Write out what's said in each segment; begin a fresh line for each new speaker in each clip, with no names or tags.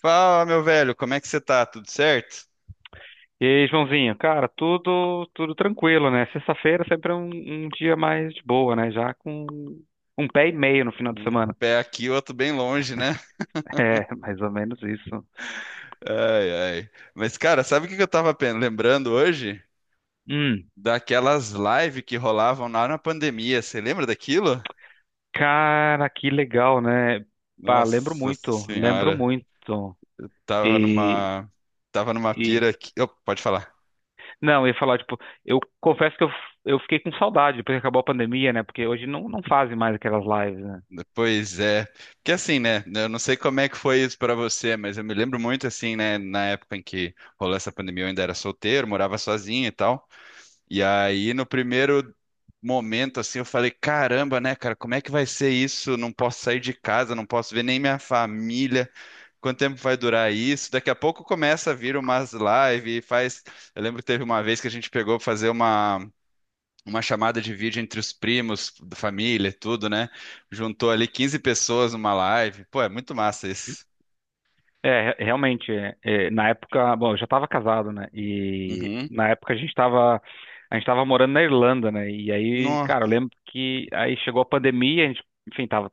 Fala, meu velho, como é que você tá? Tudo certo?
E aí, Joãozinho, cara, tudo tranquilo, né? Sexta-feira sempre é um dia mais de boa, né? Já com um pé e meio no final de
Um
semana.
pé aqui, outro bem longe, né?
É, mais ou menos isso.
Ai, ai. Mas, cara, sabe o que que eu tava lembrando hoje?
Hum,
Daquelas lives que rolavam lá na pandemia. Você lembra daquilo?
Cara, que legal, né? Pá, lembro
Nossa
muito, lembro
senhora,
muito.
tava
E,
numa, tava numa
e,
pira aqui. Ô, pode falar.
não, eu ia falar, tipo, eu confesso que eu fiquei com saudade depois que acabou a pandemia, né? Porque hoje não, não fazem mais aquelas lives, né?
Pois é. Porque assim, né? Eu não sei como é que foi isso pra você, mas eu me lembro muito assim, né? Na época em que rolou essa pandemia, eu ainda era solteiro, morava sozinho e tal. E aí, no primeiro momento, assim, eu falei: caramba, né, cara, como é que vai ser isso? Não posso sair de casa, não posso ver nem minha família. Quanto tempo vai durar isso? Daqui a pouco começa a vir umas lives, faz. Eu lembro que teve uma vez que a gente pegou pra fazer uma chamada de vídeo entre os primos, da família, e tudo, né? Juntou ali 15 pessoas numa live. Pô, é muito massa isso.
É, realmente, na época, bom, eu já estava casado, né? E
Uhum.
na época a gente estava morando na Irlanda, né? E aí,
No.
cara, eu lembro que aí chegou a pandemia, a gente, enfim, tava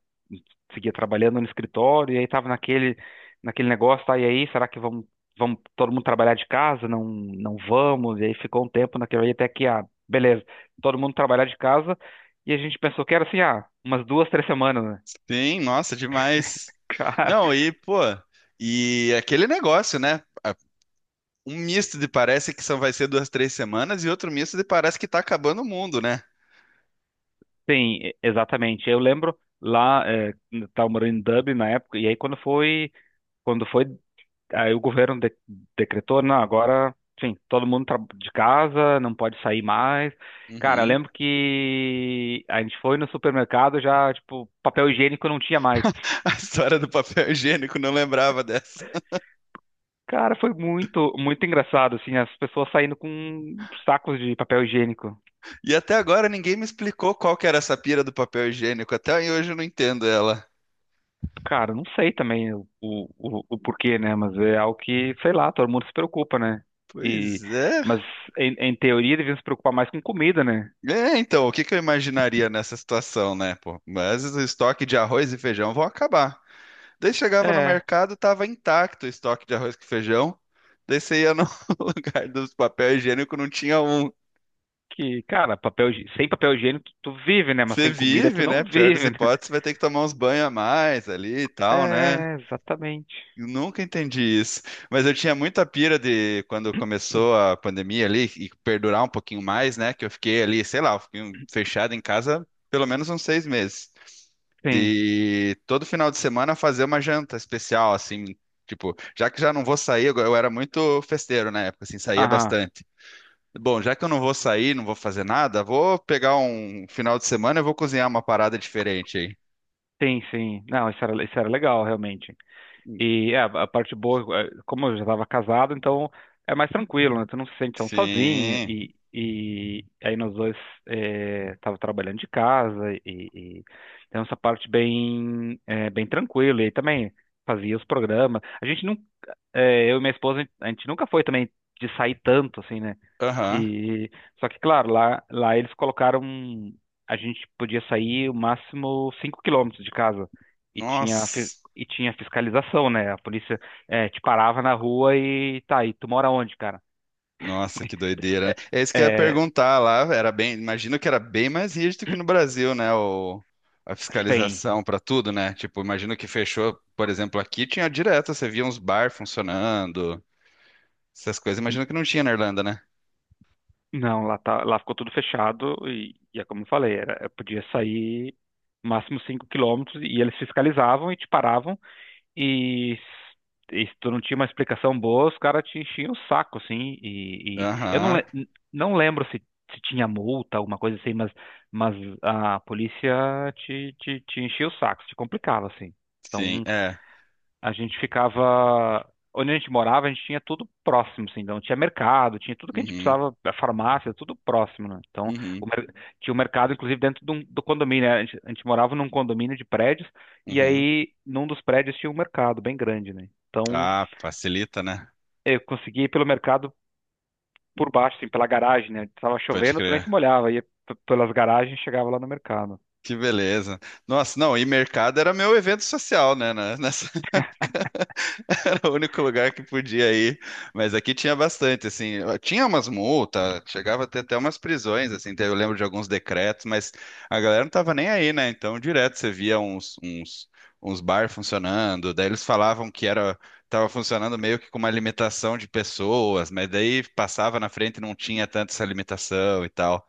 seguia trabalhando no escritório e aí tava naquele negócio, tá? E aí, será que vamos todo mundo trabalhar de casa? Não, vamos. E aí ficou um tempo naquele aí até que, ah, beleza, todo mundo trabalhar de casa e a gente pensou que era assim, ah, umas 2, 3 semanas, né?
Sim, nossa, demais.
Cara.
Não, e, pô, e aquele negócio, né? Um misto de parece que só vai ser 2, 3 semanas e outro misto de parece que tá acabando o mundo, né?
Sim, exatamente. Eu lembro lá, estava morando em Dublin na época, e aí quando foi, aí o governo decretou, não, agora, sim, todo mundo de casa, não pode sair mais. Cara, eu
Uhum.
lembro que a gente foi no supermercado já, tipo, papel higiênico não tinha mais.
A história do papel higiênico, não lembrava dessa.
Cara, foi muito, muito engraçado, assim, as pessoas saindo com sacos de papel higiênico.
E até agora ninguém me explicou qual que era essa pira do papel higiênico. Até hoje eu não entendo ela.
Cara, não sei também o porquê, né? Mas é algo que, sei lá, todo mundo se preocupa, né? E,
Pois é.
mas em teoria deviam se preocupar mais com comida, né?
É, então, o que que eu imaginaria nessa situação, né, pô? Mas o estoque de arroz e feijão vão acabar. Daí chegava no
É,
mercado, tava intacto o estoque de arroz e feijão. Daí você ia no lugar dos papel higiênico, não tinha um.
que, cara, papel, sem papel higiênico, tu vive, né? Mas
Você
sem comida tu
vive, né?
não
Pior das
vive, né?
hipóteses, vai ter que tomar uns banhos a mais ali e tal, né?
É, exatamente.
Eu nunca entendi isso. Mas eu tinha muita pira de quando começou a pandemia ali e perdurar um pouquinho mais, né? Que eu fiquei ali, sei lá, eu fiquei fechado em casa pelo menos uns 6 meses.
Sim,
De todo final de semana fazer uma janta especial, assim. Tipo, já que já não vou sair, eu era muito festeiro na época, assim, saía
aham,
bastante. Bom, já que eu não vou sair, não vou fazer nada, vou pegar um final de semana e vou cozinhar uma parada diferente aí.
sim, sim. Não, isso era legal, realmente. E é, a parte boa, é, como eu já estava casado, então é mais tranquilo, né? Tu não se sente tão sozinho.
Sim.
E, aí nós dois, é, tava trabalhando de casa e então essa parte bem, é, bem tranquila. E aí também fazia os programas. A gente não, é, Eu e minha esposa, a gente nunca foi também de sair tanto assim, né?
Aham.
E só que claro, lá eles colocaram um, a gente podia sair o máximo 5 km de casa e tinha fi-
Nossa.
e tinha fiscalização, né? A polícia, eh, te parava na rua e, tá, e tu mora onde, cara?
Nossa, que doideira, né?
É,
É isso que eu ia
é,
perguntar lá. Era bem, imagino que era bem mais rígido que no Brasil, né? O, a
sem.
fiscalização para tudo, né? Tipo, imagino que fechou, por exemplo, aqui tinha direto, você via uns bar funcionando, essas coisas. Imagino que não tinha na Irlanda, né?
Não, lá ficou tudo fechado, e é como eu falei, era, eu podia sair máximo 5 km e eles fiscalizavam e te paravam. E, e se tu não tinha uma explicação boa, os caras te enchiam o saco, assim. E e eu
Aham.
não lembro se tinha multa, alguma coisa assim, mas a polícia te enchia o saco, te complicava, assim.
Sim,
Então
é.
a gente ficava. Onde a gente morava, a gente tinha tudo próximo, assim, então tinha mercado, tinha tudo que a gente
Uhum,
precisava, a farmácia, tudo próximo, né? Então,
uhum,
o mer- tinha o mercado, inclusive, dentro do condomínio, né? A gente morava num condomínio de prédios, e
uhum.
aí, num dos prédios tinha um mercado bem grande, né? Então,
Ah, facilita, né?
eu conseguia ir pelo mercado por baixo, assim, pela garagem, né? Tava
Pode
chovendo, tu nem se
crer.
molhava, ia pelas garagens e chegava lá no mercado.
Que beleza. Nossa, não, e mercado era meu evento social, né? Nessa época era o único lugar que podia ir. Mas aqui tinha bastante, assim. Tinha umas multas, chegava a ter até umas prisões, assim. Eu lembro de alguns decretos, mas a galera não tava nem aí, né? Então, direto você via uns bar funcionando. Daí eles falavam que era, tava funcionando meio que com uma limitação de pessoas, mas daí passava na frente e não tinha tanto essa limitação e tal.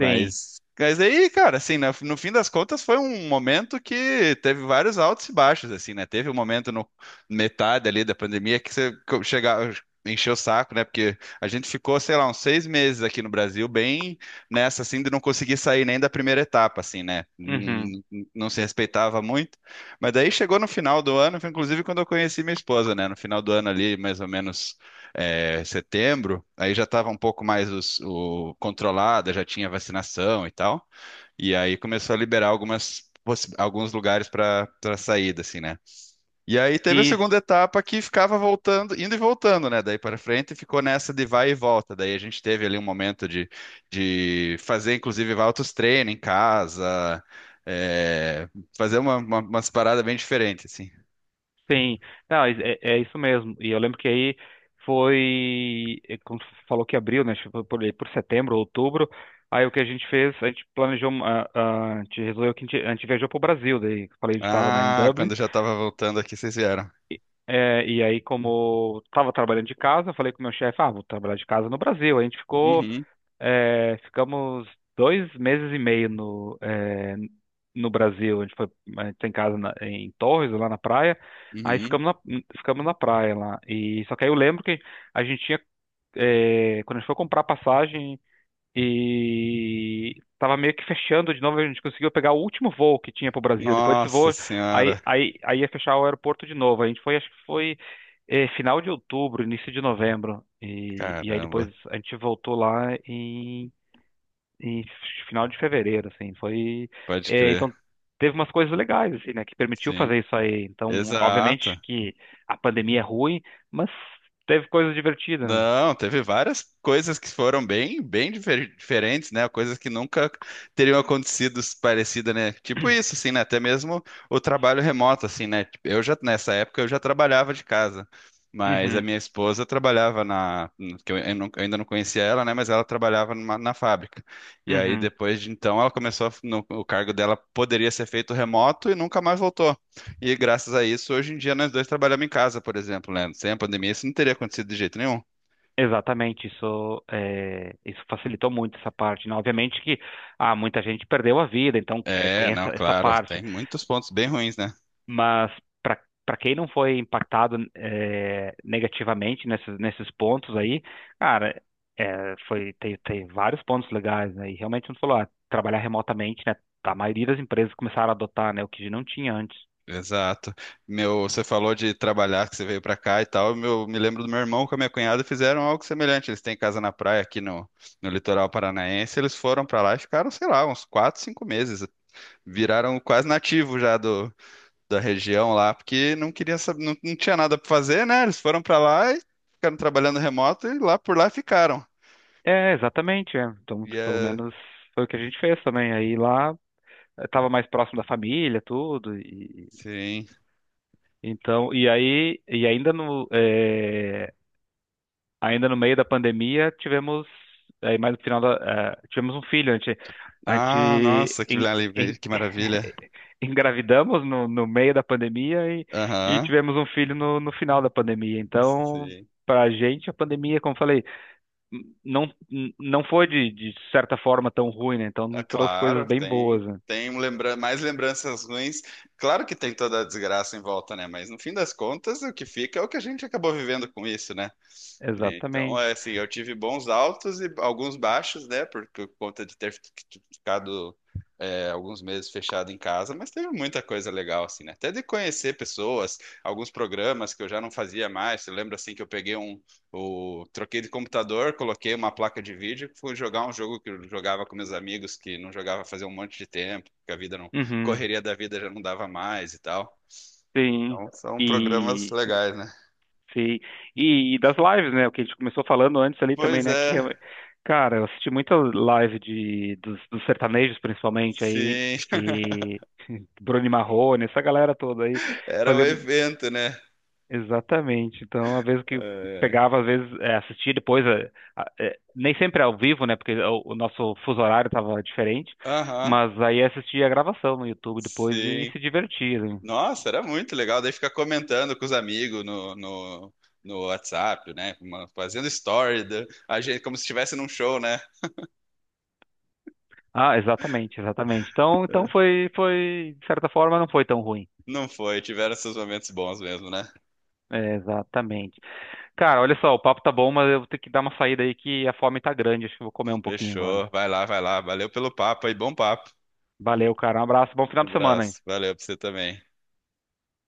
Sim.
mas aí, cara, assim, no fim das contas foi um momento que teve vários altos e baixos, assim, né? Teve um momento no metade ali da pandemia que você chegava, encheu o saco, né? Porque a gente ficou, sei lá, uns 6 meses aqui no Brasil, bem nessa, assim, de não conseguir sair nem da primeira etapa, assim, né? Não,
Uhum.
não se respeitava muito. Mas daí chegou no final do ano, foi inclusive quando eu conheci minha esposa, né? No final do ano ali, mais ou menos setembro, aí já estava um pouco mais controlada, já tinha vacinação e tal. E aí começou a liberar alguns lugares para saída, assim, né? E aí teve a
E
segunda etapa que ficava voltando, indo e voltando, né? Daí para frente ficou nessa de vai e volta. Daí a gente teve ali um momento de fazer, inclusive, altos treinos em casa, é, fazer umas paradas bem diferentes, assim.
Sim, não, é isso mesmo. E eu lembro que aí foi, é, como tu falou que abriu, né? Tipo, por, aí por setembro, outubro. Aí o que a gente fez, a gente planejou, uma, a gente resolveu que a gente viajou pro Brasil. Daí falei, a gente estava, né, em
Ah,
Dublin.
quando eu já estava voltando aqui, vocês vieram.
É, e aí, como estava trabalhando de casa, eu falei com o meu chefe, ah, vou trabalhar de casa no Brasil. Aí a gente ficou.
Uhum,
É, ficamos 2 meses e meio no Brasil. A gente tem casa em Torres, lá na praia. Aí
uhum.
ficamos na praia lá. E só que aí eu lembro que a gente tinha, é, quando a gente foi comprar passagem e tava meio que fechando de novo, a gente conseguiu pegar o último voo que tinha pro Brasil. Depois desse
Nossa
voo, aí,
senhora,
aí, aí ia fechar o aeroporto de novo. A gente foi, acho que foi, final de outubro, início de novembro. E e aí depois
caramba,
a gente voltou lá em final de fevereiro, assim, foi,
pode
é,
crer.
então teve umas coisas legais, assim, né, que permitiu
Sim,
fazer isso aí. Então, obviamente
exato.
que a pandemia é ruim, mas teve coisas divertidas, né?
Não, teve várias coisas que foram bem, bem diferentes, né? Coisas que nunca teriam acontecido parecida, né? Tipo isso, assim, né? Até mesmo o trabalho remoto, assim, né? Tipo, eu já nessa época eu já trabalhava de casa, mas a
Uhum,
minha esposa trabalhava na, que eu ainda não conhecia ela, né? Mas ela trabalhava na fábrica. E aí
uhum.
depois de então ela começou o cargo dela poderia ser feito remoto e nunca mais voltou. E graças a isso hoje em dia nós dois trabalhamos em casa, por exemplo, né? Sem a pandemia isso não teria acontecido de jeito nenhum.
Exatamente, isso, isso facilitou muito essa parte, né? Obviamente que, ah, muita gente perdeu a vida, então,
É,
tem
não,
essa,
claro,
parte.
tem muitos pontos bem ruins, né?
Mas para, para quem não foi impactado, é, negativamente nesses pontos aí, cara, é, foi tem vários pontos legais, né? E realmente como tu falou, ah, trabalhar remotamente, né? A maioria das empresas começaram a adotar, né? O que não tinha antes.
Exato. Meu, você falou de trabalhar, que você veio pra cá e tal. Meu, me lembro do meu irmão com a minha cunhada fizeram algo semelhante. Eles têm casa na praia aqui no litoral paranaense. Eles foram pra lá e ficaram, sei lá, uns 4, 5 meses. Viraram quase nativos já do, da região lá, porque não queria saber, não, não tinha nada pra fazer, né? Eles foram pra lá e ficaram trabalhando remoto e lá por lá ficaram.
É, exatamente. É. Então,
E
tipo, pelo
é,
menos foi o que a gente fez também. Aí lá eu tava mais próximo da família, tudo. E
sim.
então, e aí, e ainda no meio da pandemia, aí mais no final da, tivemos um filho. A gente, a
Ah,
gente
nossa, que
en-
maravilha.
en-
Que maravilha.
engravidamos no meio da pandemia e
Aham.
tivemos um filho no final da pandemia. Então,
Sim.
para a gente, a pandemia, como eu falei, n- não, não foi, de certa forma, tão ruim, né?
Ah,
Então, trouxe coisas
claro,
bem boas,
tem
né?
tem um lembra mais lembranças ruins. Claro que tem toda a desgraça em volta, né? Mas no fim das contas, o que fica é o que a gente acabou vivendo com isso, né? Então, é
Exatamente.
assim, eu tive bons altos e alguns baixos, né? Por conta de ter ficado alguns meses fechado em casa, mas teve muita coisa legal, assim, né? Até de conhecer pessoas, alguns programas que eu já não fazia mais. Eu lembro, assim, que eu peguei um. O, troquei de computador, coloquei uma placa de vídeo, fui jogar um jogo que eu jogava com meus amigos, que não jogava fazia um monte de tempo, que a vida não.
Uhum,
Correria da vida já não dava mais e tal.
sim.
Então, são programas
E.
legais, né?
Sim. E das lives, né? O que a gente começou falando antes ali também,
Pois
né? Que,
é,
cara, eu assisti muita live dos sertanejos, principalmente, aí,
sim.
e Bruno e Marrone, essa galera toda aí,
Era o
fazer
evento, né?
exatamente. Então, às vezes que eu
É.
pegava, às vezes, é, assistia depois, nem sempre ao vivo, né? Porque o nosso fuso horário tava diferente,
Aham,
mas aí assistia a gravação no YouTube depois e
sim.
se divertia, né?
Nossa, era muito legal. Daí ficar comentando com os amigos no WhatsApp, né? Fazendo story, a gente, como se estivesse num show, né?
Ah, exatamente, exatamente. Então, então
É.
foi, de certa forma, não foi tão ruim.
Não foi, tiveram seus momentos bons mesmo, né?
É, exatamente. Cara, olha só, o papo tá bom, mas eu vou ter que dar uma saída aí que a fome tá grande. Acho que eu vou comer um pouquinho agora.
Fechou. Vai lá, vai lá. Valeu pelo papo aí, bom papo.
Valeu, cara. Um abraço, bom
Um
final de semana aí.
abraço. Valeu pra você também.